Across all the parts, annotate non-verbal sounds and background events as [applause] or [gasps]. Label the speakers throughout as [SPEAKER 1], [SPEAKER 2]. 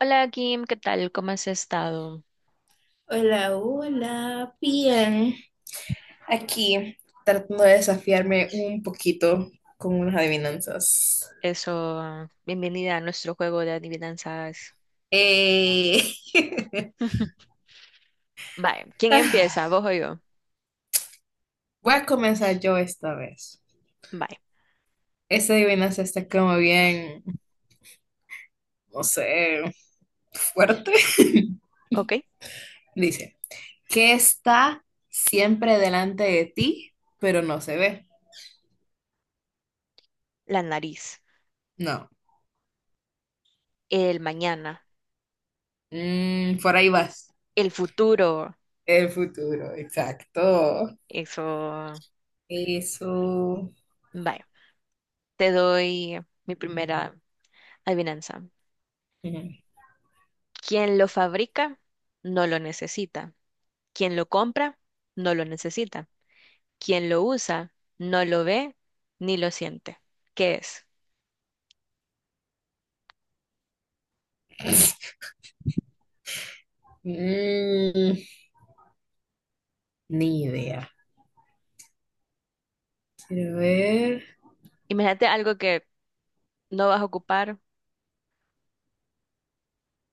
[SPEAKER 1] Hola Kim, ¿qué tal? ¿Cómo has estado?
[SPEAKER 2] Hola, hola, bien. Aquí tratando de desafiarme un poquito con unas adivinanzas.
[SPEAKER 1] Eso, bienvenida a nuestro juego de adivinanzas.
[SPEAKER 2] Eh,
[SPEAKER 1] [laughs] Vale, ¿quién empieza? ¿Vos o yo?
[SPEAKER 2] [laughs] Voy a comenzar yo esta vez.
[SPEAKER 1] Vale,
[SPEAKER 2] Esta adivinanza está como bien, no sé, fuerte. [laughs]
[SPEAKER 1] ok.
[SPEAKER 2] Dice, ¿qué está siempre delante de ti, pero no se ve?
[SPEAKER 1] La nariz,
[SPEAKER 2] No.
[SPEAKER 1] el mañana,
[SPEAKER 2] Por ahí vas.
[SPEAKER 1] el futuro.
[SPEAKER 2] El futuro, exacto.
[SPEAKER 1] Eso,
[SPEAKER 2] Eso.
[SPEAKER 1] vale. Te doy mi primera adivinanza.
[SPEAKER 2] Ujú.
[SPEAKER 1] Quien lo fabrica no lo necesita. Quien lo compra no lo necesita. Quien lo usa no lo ve ni lo siente. ¿Qué es?
[SPEAKER 2] Mm, Ni idea. Quiero ver.
[SPEAKER 1] Imagínate algo que no vas a ocupar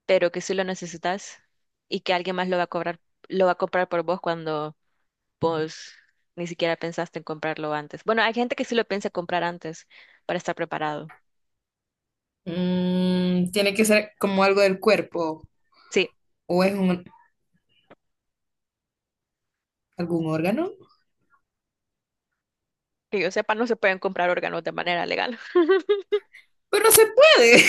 [SPEAKER 1] pero que sí lo necesitas y que alguien más lo va a cobrar, lo va a comprar por vos cuando vos ni siquiera pensaste en comprarlo antes. Bueno, hay gente que sí lo piensa comprar antes para estar preparado.
[SPEAKER 2] Tiene que ser como algo del cuerpo
[SPEAKER 1] Sí,
[SPEAKER 2] o es algún órgano.
[SPEAKER 1] que yo sepa, no se pueden comprar órganos de manera legal. [laughs]
[SPEAKER 2] Pero se puede.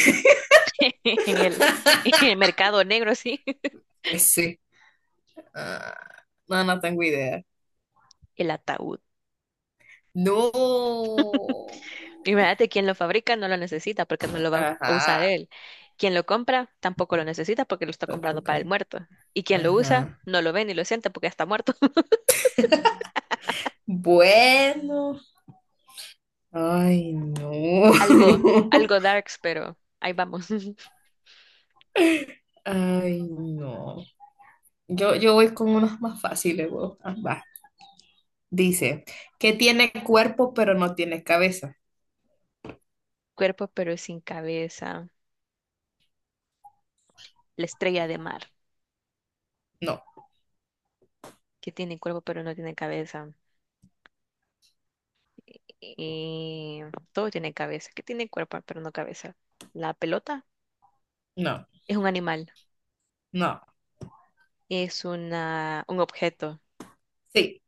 [SPEAKER 1] En el, en el
[SPEAKER 2] [laughs]
[SPEAKER 1] mercado negro, sí. [laughs]
[SPEAKER 2] Pues sí. Ah, no, no tengo idea.
[SPEAKER 1] El ataúd.
[SPEAKER 2] No.
[SPEAKER 1] Imagínate, quien lo fabrica no lo necesita porque no lo va a usar
[SPEAKER 2] Ajá.
[SPEAKER 1] él. Quien lo compra tampoco lo necesita porque lo está comprando
[SPEAKER 2] Tampoco.
[SPEAKER 1] para el muerto. Y quien lo usa
[SPEAKER 2] Ajá.
[SPEAKER 1] no lo ve ni lo siente porque está muerto.
[SPEAKER 2] Bueno. Ay, no.
[SPEAKER 1] Algo,
[SPEAKER 2] [laughs]
[SPEAKER 1] algo darks, pero ahí vamos. [laughs]
[SPEAKER 2] Ay, no. Yo voy con unas más fáciles, vos. Ah, va. Dice, que tiene cuerpo pero no tiene cabeza.
[SPEAKER 1] Cuerpo pero sin cabeza. La estrella de mar,
[SPEAKER 2] No,
[SPEAKER 1] que tiene cuerpo pero no tiene cabeza. Y todo tiene cabeza, que tiene cuerpo pero no cabeza. La pelota
[SPEAKER 2] no,
[SPEAKER 1] es un animal,
[SPEAKER 2] no.
[SPEAKER 1] es una, un objeto.
[SPEAKER 2] Sí,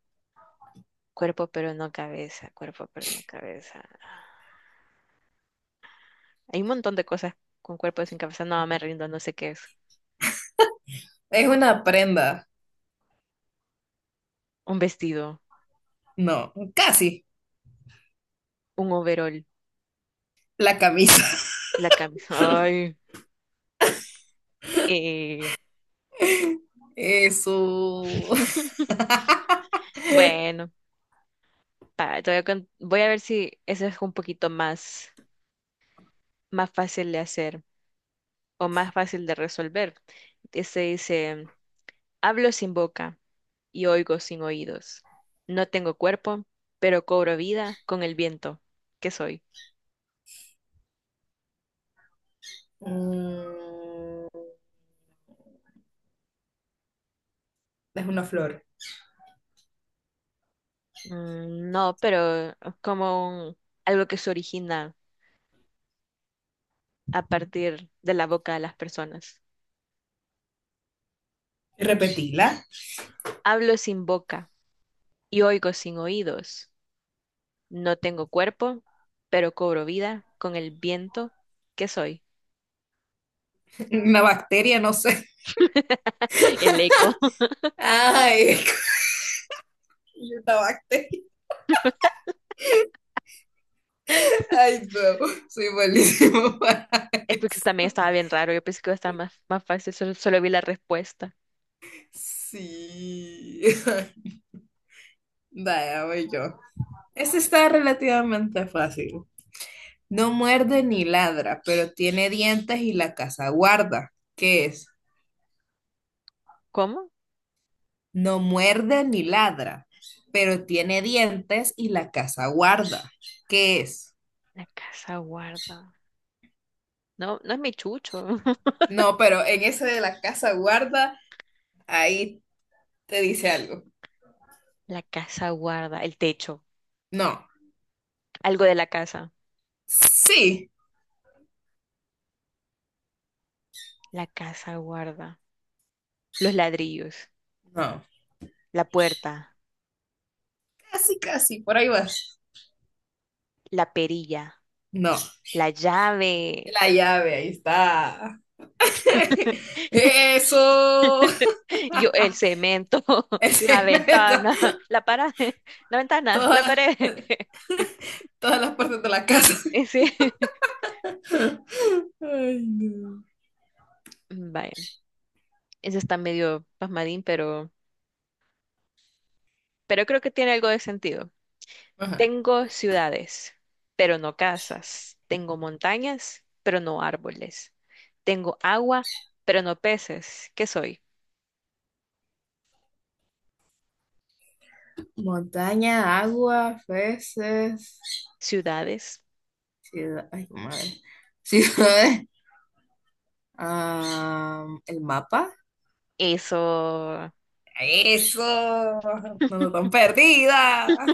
[SPEAKER 1] Cuerpo pero no cabeza, cuerpo pero no cabeza. Hay un montón de cosas con cuerpo sin cabeza. No, me rindo, no sé qué es.
[SPEAKER 2] es una prenda.
[SPEAKER 1] Un vestido,
[SPEAKER 2] No, casi.
[SPEAKER 1] un overol,
[SPEAKER 2] La camisa.
[SPEAKER 1] la camisa. Ay. eh,
[SPEAKER 2] [laughs] Eso.
[SPEAKER 1] [laughs]
[SPEAKER 2] [laughs]
[SPEAKER 1] Bueno. Para, te voy a, voy a ver si eso es un poquito más, más fácil de hacer o más fácil de resolver. Este dice, hablo sin boca y oigo sin oídos. No tengo cuerpo, pero cobro vida con el viento. ¿Qué soy?
[SPEAKER 2] Mm, es una flor.
[SPEAKER 1] Mm, no, pero es como algo que se origina a partir de la boca de las personas.
[SPEAKER 2] Repetila.
[SPEAKER 1] Hablo sin boca y oigo sin oídos. No tengo cuerpo, pero cobro vida con el viento. ¿Qué soy?
[SPEAKER 2] Una bacteria, no sé.
[SPEAKER 1] [laughs] El eco.
[SPEAKER 2] Ay, [laughs] una bacteria. Ay, no. Soy malísimo [laughs] para
[SPEAKER 1] Es porque eso también
[SPEAKER 2] esto.
[SPEAKER 1] estaba bien raro. Yo pensé que iba a estar más, más fácil. Solo vi la respuesta.
[SPEAKER 2] Sí. [laughs] Vaya, voy yo. Este está relativamente fácil. No muerde ni ladra, pero tiene dientes y la casa guarda. ¿Qué es?
[SPEAKER 1] ¿Cómo?
[SPEAKER 2] No muerde ni ladra, pero tiene dientes y la casa guarda. ¿Qué es?
[SPEAKER 1] La casa guarda. No, no es mi chucho. [laughs]
[SPEAKER 2] No, pero en ese de la casa guarda, ahí te dice algo.
[SPEAKER 1] La casa guarda. El techo.
[SPEAKER 2] No.
[SPEAKER 1] Algo de la casa.
[SPEAKER 2] Sí.
[SPEAKER 1] La casa guarda. Los ladrillos.
[SPEAKER 2] No.
[SPEAKER 1] La puerta.
[SPEAKER 2] Casi, casi, por ahí vas.
[SPEAKER 1] La perilla.
[SPEAKER 2] No.
[SPEAKER 1] La llave.
[SPEAKER 2] La llave, ahí está.
[SPEAKER 1] [laughs]
[SPEAKER 2] [laughs] Eso.
[SPEAKER 1] Yo, el cemento. [laughs]
[SPEAKER 2] Ese
[SPEAKER 1] La
[SPEAKER 2] [laughs] me
[SPEAKER 1] ventana. La pared. La ventana. La
[SPEAKER 2] todas,
[SPEAKER 1] pared.
[SPEAKER 2] todas las partes de la casa. [laughs]
[SPEAKER 1] Ese. [laughs]
[SPEAKER 2] Ay, no.
[SPEAKER 1] Vaya. Ese está medio pasmadín, pero. Pero creo que tiene algo de sentido.
[SPEAKER 2] Ajá.
[SPEAKER 1] Tengo ciudades, pero no casas. Tengo montañas, pero no árboles. Tengo agua, pero no peces. ¿Qué soy?
[SPEAKER 2] Montaña, agua, peces,
[SPEAKER 1] Ciudades.
[SPEAKER 2] ciudad. Ay, madre. [laughs] Ciudades. El mapa.
[SPEAKER 1] Eso
[SPEAKER 2] Eso. No nos
[SPEAKER 1] [laughs]
[SPEAKER 2] tan perdida.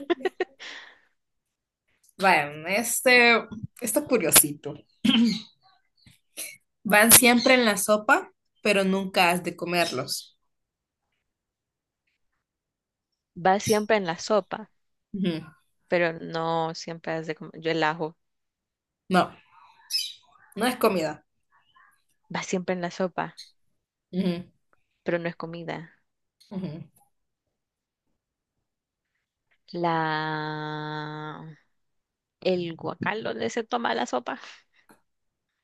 [SPEAKER 2] Bueno, este, esto es curiosito. Van siempre en la sopa, pero nunca has de comerlos.
[SPEAKER 1] va siempre en la sopa,
[SPEAKER 2] Ujú.
[SPEAKER 1] pero no siempre es de yo el ajo
[SPEAKER 2] No, no es comida.
[SPEAKER 1] va siempre en la sopa,
[SPEAKER 2] Ujú,
[SPEAKER 1] pero no es comida.
[SPEAKER 2] ujú.
[SPEAKER 1] La... El guacal donde se toma la sopa.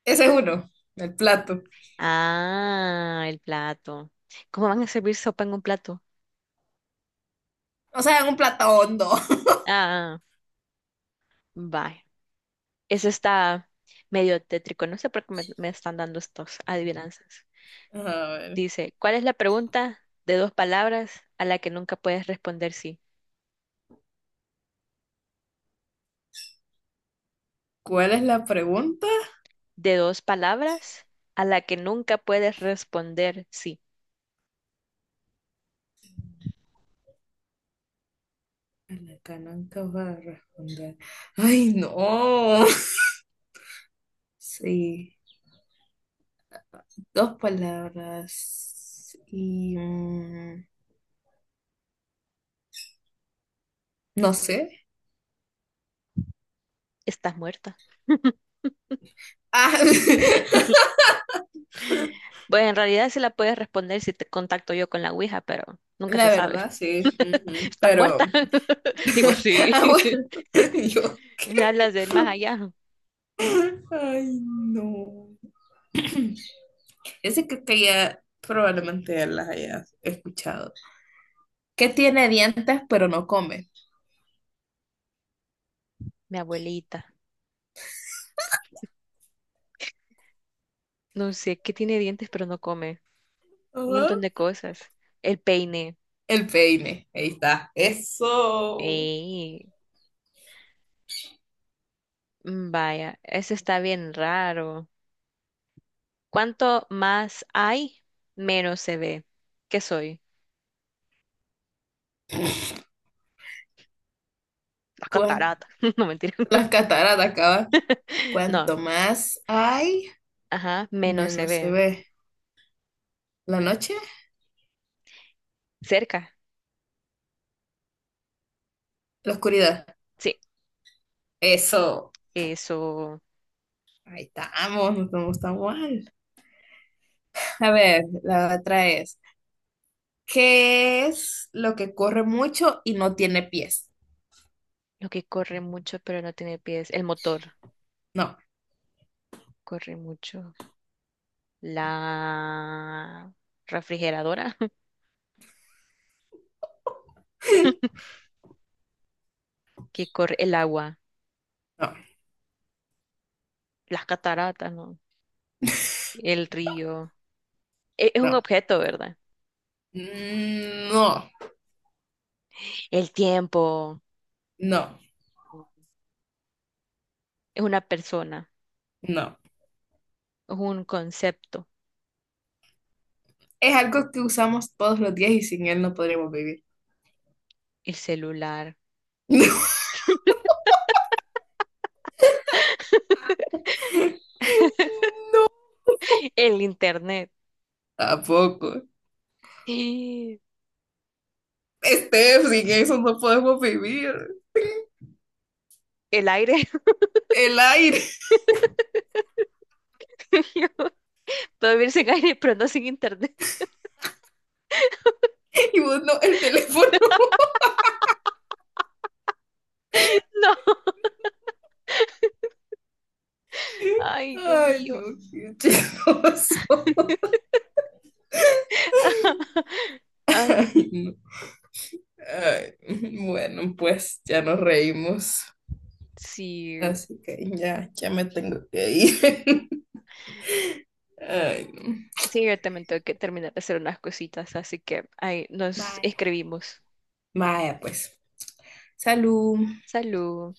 [SPEAKER 2] Ese es uno, el plato.
[SPEAKER 1] Ah, el plato. ¿Cómo van a servir sopa en un plato?
[SPEAKER 2] O sea, en un plato hondo. [laughs]
[SPEAKER 1] Ah. Bye. Eso está medio tétrico. No sé por qué me están dando estos adivinanzas.
[SPEAKER 2] A ver,
[SPEAKER 1] Dice, ¿cuál es la pregunta de dos palabras a la que nunca puedes responder sí?
[SPEAKER 2] ¿cuál es la pregunta?
[SPEAKER 1] De dos palabras a la que nunca puedes responder sí.
[SPEAKER 2] A la cananca va a responder. Ay, no. Sí, dos palabras y no sé.
[SPEAKER 1] Estás muerta.
[SPEAKER 2] Ah, [laughs]
[SPEAKER 1] [laughs] Pues en realidad sí la puedes responder si te contacto yo con la Ouija, pero nunca se
[SPEAKER 2] la
[SPEAKER 1] sabe.
[SPEAKER 2] verdad, sí.
[SPEAKER 1] [laughs]
[SPEAKER 2] Ujú.
[SPEAKER 1] ¿Estás
[SPEAKER 2] Pero,
[SPEAKER 1] muerta? [laughs] Y vos
[SPEAKER 2] [laughs]
[SPEAKER 1] sí.
[SPEAKER 2] ah, bueno, [laughs] yo.
[SPEAKER 1] [laughs] Me hablas del más allá.
[SPEAKER 2] Ay, no. Ese creo que ya probablemente las hayas escuchado. Que tiene dientes pero no come.
[SPEAKER 1] Mi abuelita. No sé, que tiene dientes pero no come. Un
[SPEAKER 2] Ajá.
[SPEAKER 1] montón de cosas. El peine.
[SPEAKER 2] El peine. Ahí está. Eso.
[SPEAKER 1] Ey, mm, vaya, eso está bien raro. Cuanto más hay, menos se ve. ¿Qué soy? La
[SPEAKER 2] ¿Cuán-
[SPEAKER 1] catarata. [laughs] No, mentira.
[SPEAKER 2] Las
[SPEAKER 1] [laughs]
[SPEAKER 2] cataratas acaban.
[SPEAKER 1] No,
[SPEAKER 2] Cuanto más hay,
[SPEAKER 1] ajá, menos se
[SPEAKER 2] menos se
[SPEAKER 1] ve.
[SPEAKER 2] ve. La noche,
[SPEAKER 1] Cerca.
[SPEAKER 2] la oscuridad.
[SPEAKER 1] Sí,
[SPEAKER 2] Eso.
[SPEAKER 1] eso.
[SPEAKER 2] Ahí estamos, no estamos tan mal. A ver, la otra es, ¿qué es lo que corre mucho y no tiene pies?
[SPEAKER 1] Lo que corre mucho pero no tiene pies. El motor
[SPEAKER 2] No,
[SPEAKER 1] corre mucho. La refrigeradora [laughs] que corre el agua.
[SPEAKER 2] no,
[SPEAKER 1] Las cataratas, ¿no? El río. ¿Es un
[SPEAKER 2] no.
[SPEAKER 1] objeto, verdad?
[SPEAKER 2] Mm. No,
[SPEAKER 1] El tiempo.
[SPEAKER 2] no,
[SPEAKER 1] Es una persona,
[SPEAKER 2] no.
[SPEAKER 1] es un concepto.
[SPEAKER 2] Es algo que usamos todos los días y sin él no podríamos vivir.
[SPEAKER 1] El celular,
[SPEAKER 2] [laughs]
[SPEAKER 1] el internet,
[SPEAKER 2] Tampoco.
[SPEAKER 1] [gasps] el
[SPEAKER 2] Steph, sin eso no podemos vivir.
[SPEAKER 1] aire.
[SPEAKER 2] El aire
[SPEAKER 1] [laughs] Yo puedo vivir sin aire, pero no sin internet.
[SPEAKER 2] [laughs] y vos no, el teléfono.
[SPEAKER 1] [laughs] No. Ay, Dios
[SPEAKER 2] Ay,
[SPEAKER 1] mío.
[SPEAKER 2] no, qué asqueroso.
[SPEAKER 1] [laughs] Ay,
[SPEAKER 2] Ay, no. Ay, bueno, pues ya nos reímos.
[SPEAKER 1] sí.
[SPEAKER 2] Así que ya, ya me tengo que ir. [laughs] Ay, no.
[SPEAKER 1] Sí, yo también tengo que terminar de hacer unas cositas, así que ahí nos
[SPEAKER 2] Bye.
[SPEAKER 1] escribimos.
[SPEAKER 2] Vaya, pues. Salud.
[SPEAKER 1] Salud.